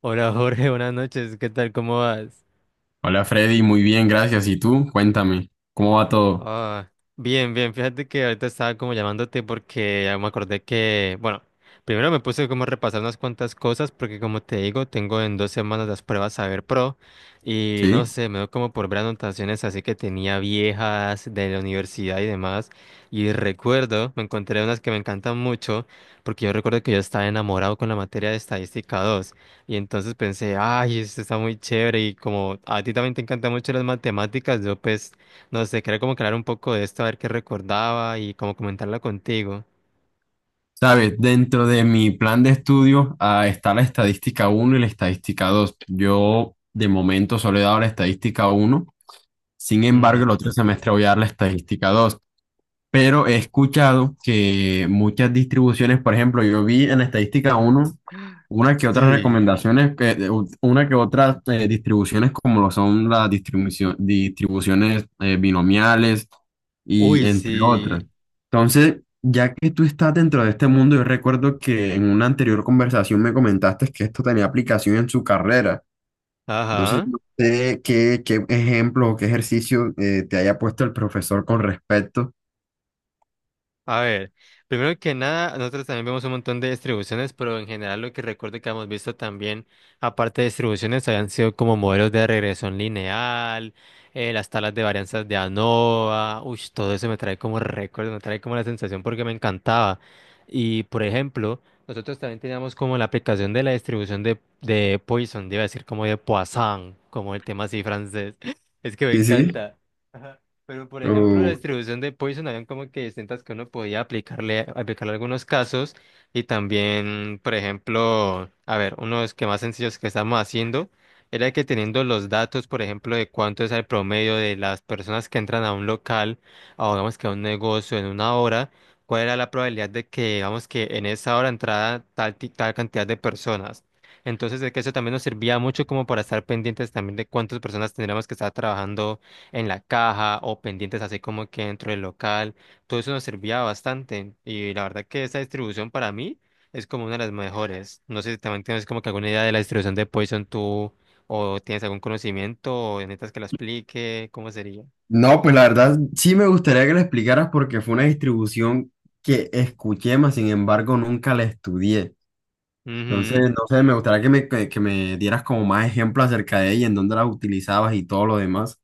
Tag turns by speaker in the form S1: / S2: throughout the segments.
S1: Hola Jorge, buenas noches, ¿qué tal? ¿Cómo vas?
S2: Hola Freddy, muy bien, gracias. ¿Y tú? Cuéntame, ¿cómo va todo?
S1: Ah, bien, bien, fíjate que ahorita estaba como llamándote porque ya me acordé que, bueno, primero me puse como a repasar unas cuantas cosas porque como te digo, tengo en 2 semanas las pruebas Saber Pro y
S2: ¿Sí?
S1: no sé, me dio como por ver anotaciones así que tenía viejas de la universidad y demás y recuerdo, me encontré unas que me encantan mucho porque yo recuerdo que yo estaba enamorado con la materia de estadística 2 y entonces pensé, ay, esto está muy chévere y como a ti también te encantan mucho las matemáticas, yo pues... No sé, quería como que un poco de esto, a ver qué recordaba y como comentarla contigo.
S2: Sabes, dentro de mi plan de estudio está la estadística uno y la estadística 2. Yo de momento solo he dado la estadística uno, sin embargo el
S1: Ujú.
S2: otro semestre voy a dar la estadística 2. Pero he escuchado que muchas distribuciones, por ejemplo, yo vi en estadística uno, una que otras
S1: Sí.
S2: recomendaciones, una que otras distribuciones como lo son las distribuciones binomiales y
S1: Uy,
S2: entre
S1: sí.
S2: otras. Entonces, ya que tú estás dentro de este mundo, yo recuerdo que en una anterior conversación me comentaste que esto tenía aplicación en su carrera. Entonces,
S1: Ajá.
S2: no sé qué, qué ejemplo o qué ejercicio te haya puesto el profesor con respecto.
S1: A ver, primero que nada, nosotros también vemos un montón de distribuciones, pero en general lo que recuerdo que hemos visto también, aparte de distribuciones, habían sido como modelos de regresión lineal, las tablas de varianzas de ANOVA, uy, todo eso me trae como récord, me trae como la sensación porque me encantaba. Y por ejemplo, nosotros también teníamos como la aplicación de la distribución de Poisson, iba a decir como de Poisson, como el tema así francés, es que me
S2: Sí, sí.
S1: encanta. Pero, por ejemplo, la
S2: Uh,
S1: distribución de Poison habían como que distintas que uno podía aplicarle algunos casos y también, por ejemplo, a ver, uno de los que más sencillos que estamos haciendo era que teniendo los datos, por ejemplo, de cuánto es el promedio de las personas que entran a un local o digamos que a un negocio en una hora, cuál era la probabilidad de que, digamos que en esa hora entrara tal cantidad de personas. Entonces, de que eso también nos servía mucho como para estar pendientes también de cuántas personas tendríamos que estar trabajando en la caja o pendientes así como que dentro del local. Todo eso nos servía bastante y la verdad que esta distribución para mí es como una de las mejores. No sé si también tienes como que alguna idea de la distribución de Poison tú o tienes algún conocimiento o necesitas que la explique, ¿cómo sería?
S2: no, pues la verdad sí me gustaría que la explicaras porque fue una distribución que escuché, mas sin embargo nunca la estudié. Entonces, no sé, me gustaría que me dieras como más ejemplos acerca de ella, en dónde la utilizabas y todo lo demás.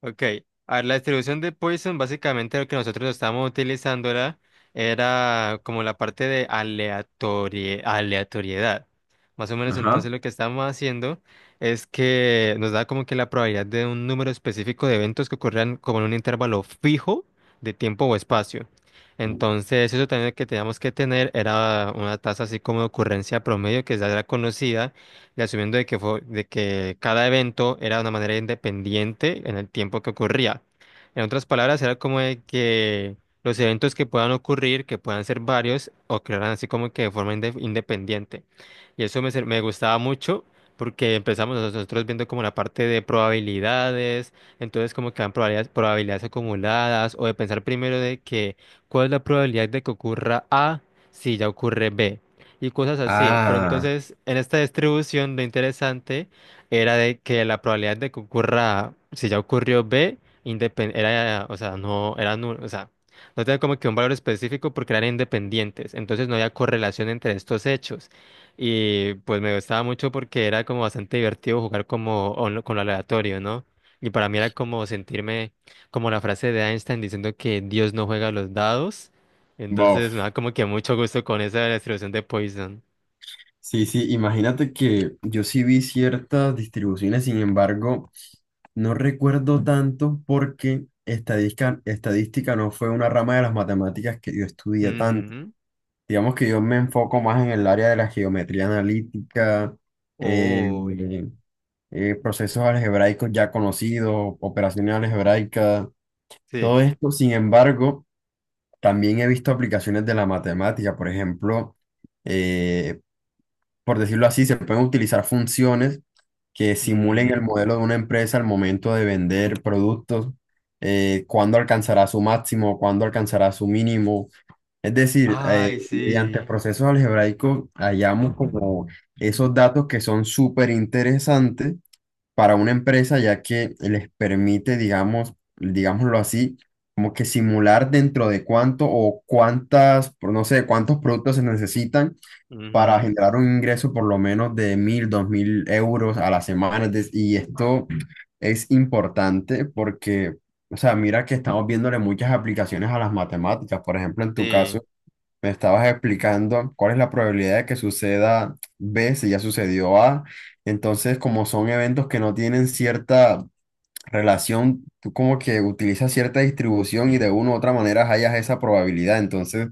S1: Ok, a ver, la distribución de Poisson, básicamente lo que nosotros estábamos utilizando era como la parte de aleatoriedad. Más o menos
S2: Ajá.
S1: entonces lo que estábamos haciendo es que nos da como que la probabilidad de un número específico de eventos que ocurran como en un intervalo fijo de tiempo o espacio. Entonces eso también que teníamos que tener era una tasa así como de ocurrencia promedio que ya era conocida y asumiendo de que cada evento era de una manera independiente en el tiempo que ocurría. En otras palabras, era como de que los eventos que puedan ocurrir, que puedan ser varios, ocurrieran así como que de forma independiente. Y eso me gustaba mucho porque empezamos nosotros viendo como la parte de probabilidades, entonces como que dan probabilidades, probabilidades acumuladas o de pensar primero de que cuál es la probabilidad de que ocurra A si ya ocurre B y cosas así. Pero
S2: Ah,
S1: entonces, en esta distribución, lo interesante era de que la probabilidad de que ocurra, si ya ocurrió B, era, o sea, no era nulo, o sea, no tenía como que un valor específico porque eran independientes. Entonces no había correlación entre estos hechos. Y pues me gustaba mucho porque era como bastante divertido jugar como con lo aleatorio, ¿no? Y para mí era como sentirme como la frase de Einstein diciendo que Dios no juega a los dados. Entonces me
S2: Bof.
S1: da como que mucho gusto con esa de la distribución de Poison.
S2: Sí, sí, imagínate que yo sí vi ciertas distribuciones, sin embargo, no recuerdo tanto porque estadística, estadística no fue una rama de las matemáticas que yo estudié tanto.
S1: Ujú.
S2: Digamos que yo me enfoco más en el área de la geometría analítica, eh,
S1: Uy,
S2: procesos algebraicos ya conocidos, operaciones algebraicas, todo
S1: sí.
S2: esto. Sin embargo, también he visto aplicaciones de la matemática, por ejemplo, eh, por decirlo así, se pueden utilizar funciones que simulen el
S1: Ujú.
S2: modelo de una empresa al momento de vender productos, cuándo alcanzará su máximo, cuándo alcanzará su mínimo. Es decir,
S1: Ay,
S2: mediante
S1: sí.
S2: procesos algebraicos hallamos como esos
S1: Ujú.
S2: datos que son súper interesantes para una empresa, ya que les permite, digamos, digámoslo así, como que simular dentro de cuánto o cuántas, no sé, cuántos productos se necesitan para
S1: Ujú.
S2: generar un ingreso por lo menos de 1.000, 2.000 euros a la semana. Y esto es importante porque, o sea, mira que estamos viéndole muchas aplicaciones a las matemáticas. Por ejemplo, en tu
S1: Sí.
S2: caso, me estabas explicando cuál es la probabilidad de que suceda B si ya sucedió A. Entonces, como son eventos que no tienen cierta relación, tú como que utilizas cierta distribución y de una u otra manera hallas esa probabilidad. Entonces,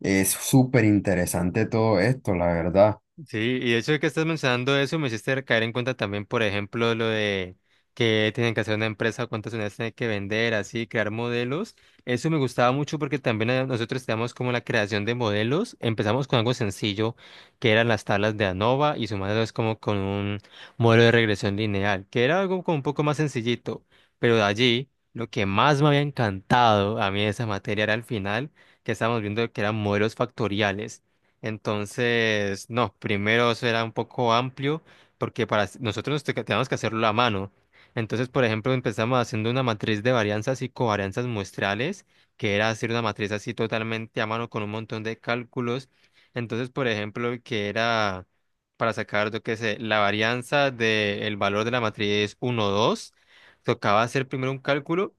S2: es súper interesante todo esto, la verdad.
S1: Sí, y de hecho que estás mencionando eso me hiciste caer en cuenta también, por ejemplo, lo de que tienen que hacer una empresa, cuántas unidades tienen que vender, así, crear modelos. Eso me gustaba mucho porque también nosotros teníamos como la creación de modelos. Empezamos con algo sencillo, que eran las tablas de ANOVA y sumándolas como con un modelo de regresión lineal, que era algo como un poco más sencillito. Pero de allí, lo que más me había encantado a mí de esa materia era al final, que estábamos viendo que eran modelos factoriales entonces, no, primero eso era un poco amplio porque nosotros teníamos que hacerlo a mano. Entonces, por ejemplo, empezamos haciendo una matriz de varianzas y covarianzas muestrales, que era hacer una matriz así totalmente a mano con un montón de cálculos. Entonces, por ejemplo, que era para sacar, yo qué sé, la varianza del valor de la matriz 1, 2, tocaba hacer primero un cálculo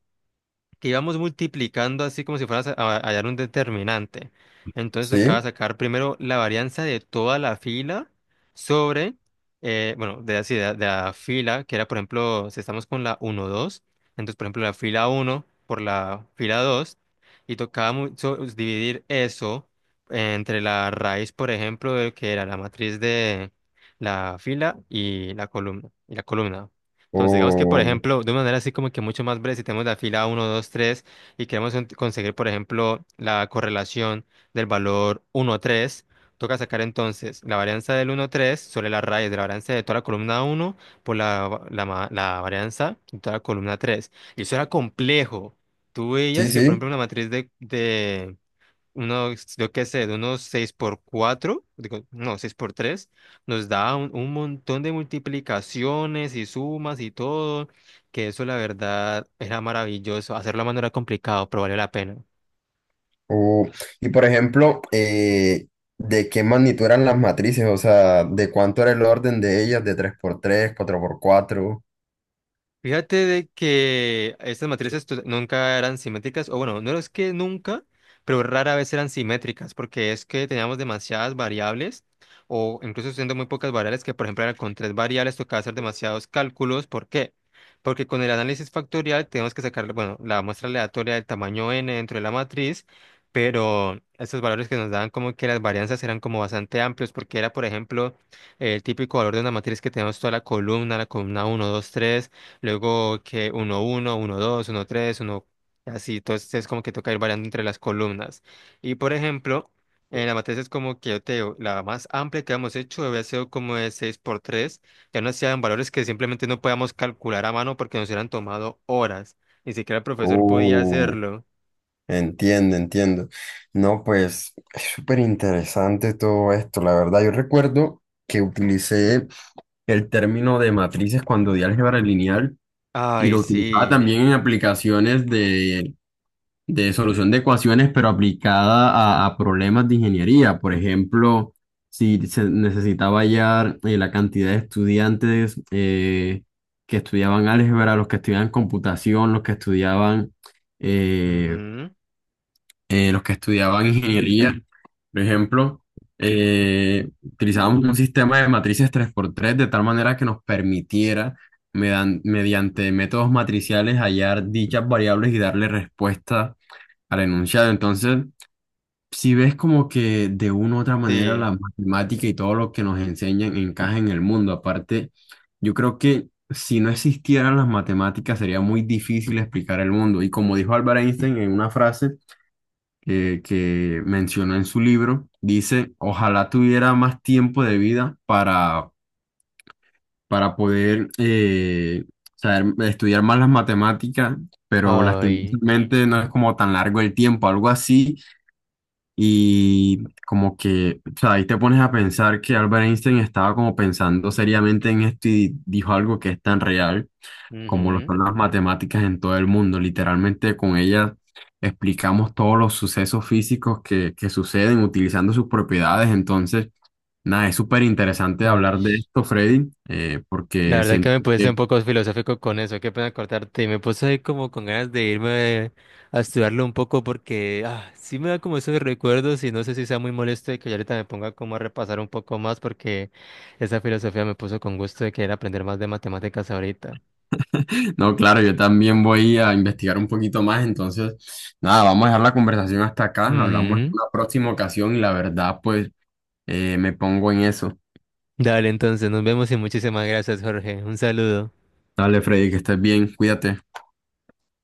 S1: que íbamos multiplicando así como si fueras a hallar un determinante. Entonces
S2: Sí,
S1: tocaba sacar primero la varianza de toda la fila sobre, bueno, de, así, de la fila, que era por ejemplo, si estamos con la uno 2 entonces por ejemplo la fila uno por la fila 2 y tocaba dividir eso entre la raíz, por ejemplo, de que era la matriz de la fila y la columna, y la columna.
S2: o
S1: Entonces, digamos que, por ejemplo, de una manera así como que mucho más breve, si tenemos la fila uno 2 3 y queremos conseguir, por ejemplo, la correlación del valor uno 3 toca sacar entonces la varianza del uno 3 sobre la raíz de la varianza de toda la columna uno por la varianza de toda la columna tres. Y eso era complejo. Tú
S2: sí,
S1: veías que, por ejemplo,
S2: sí.
S1: una matriz de, unos, yo qué sé, de unos 6 por 4 digo, no, 6 por 3 nos da un montón de multiplicaciones y sumas y todo, que eso la verdad era maravilloso. Hacerlo a mano era complicado, pero valió la pena.
S2: O, y por ejemplo, ¿de qué magnitud eran las matrices? O sea, ¿de cuánto era el orden de ellas? ¿De tres por tres, cuatro por cuatro?
S1: Fíjate de que estas matrices nunca eran simétricas, o bueno, no es que nunca, pero rara vez eran simétricas, porque es que teníamos demasiadas variables, o incluso siendo muy pocas variables, que por ejemplo era con tres variables tocaba hacer demasiados cálculos. ¿Por qué? Porque con el análisis factorial tenemos que sacar, bueno, la muestra aleatoria del tamaño n dentro de la matriz, pero estos valores que nos daban como que las varianzas eran como bastante amplios, porque era, por ejemplo, el típico valor de una matriz que tenemos toda la columna uno, 2, 3. Luego que uno uno uno dos uno tres uno así. Entonces es como que toca ir variando entre las columnas. Y por ejemplo, en la matriz es como que yo te digo, la más amplia que hemos hecho había sido como de 6 por tres. Ya no hacían valores que simplemente no podíamos calcular a mano porque nos hubieran tomado horas. Ni siquiera el profesor podía
S2: Uh,
S1: hacerlo.
S2: Entiendo, entiendo. No, pues es súper interesante todo esto, la verdad. Yo recuerdo que utilicé el término de matrices cuando di álgebra lineal y
S1: Ay,
S2: lo utilizaba
S1: sí.
S2: también en aplicaciones de solución de ecuaciones, pero aplicada a problemas de ingeniería. Por ejemplo, si se necesitaba hallar la cantidad de estudiantes que estudiaban álgebra, los que estudiaban computación, eh,
S1: Ujú.
S2: los que estudiaban ingeniería, por ejemplo, utilizábamos un sistema de matrices tres por tres de tal manera que nos permitiera mediante métodos matriciales hallar dichas variables y darle respuesta al enunciado. Entonces, si ves como que de una u otra manera
S1: Sí.
S2: la matemática y todo lo que nos enseñan encaja en el mundo. Aparte, yo creo que si no existieran las matemáticas sería muy difícil explicar el mundo. Y como dijo Albert Einstein en una frase que mencionó en su libro, dice, ojalá tuviera más tiempo de vida para poder estudiar más las matemáticas, pero
S1: Ay.
S2: lastimosamente no es como tan largo el tiempo, algo así. Y como que, o sea, ahí te pones a pensar que Albert Einstein estaba como pensando seriamente en esto y dijo algo que es tan real como lo
S1: Ujú.
S2: son las matemáticas en todo el mundo. Literalmente con ellas explicamos todos los sucesos físicos que suceden utilizando sus propiedades. Entonces, nada, es súper interesante
S1: Ay.
S2: hablar de esto, Freddy,
S1: La
S2: porque
S1: verdad que
S2: siento
S1: me puse
S2: que
S1: un poco filosófico con eso, qué pena cortarte. Y me puse ahí como con ganas de irme a estudiarlo un poco porque sí me da como esos recuerdos y no sé si sea muy molesto de que yo ahorita me ponga como a repasar un poco más porque esa filosofía me puso con gusto de querer aprender más de matemáticas ahorita.
S2: No, claro, yo también voy a investigar un poquito más, entonces, nada, vamos a dejar la conversación hasta acá, hablamos en
S1: Ujú.
S2: una próxima ocasión y la verdad, pues, me pongo en eso.
S1: Dale, entonces nos vemos y muchísimas gracias, Jorge. Un saludo.
S2: Dale, Freddy, que estés bien, cuídate.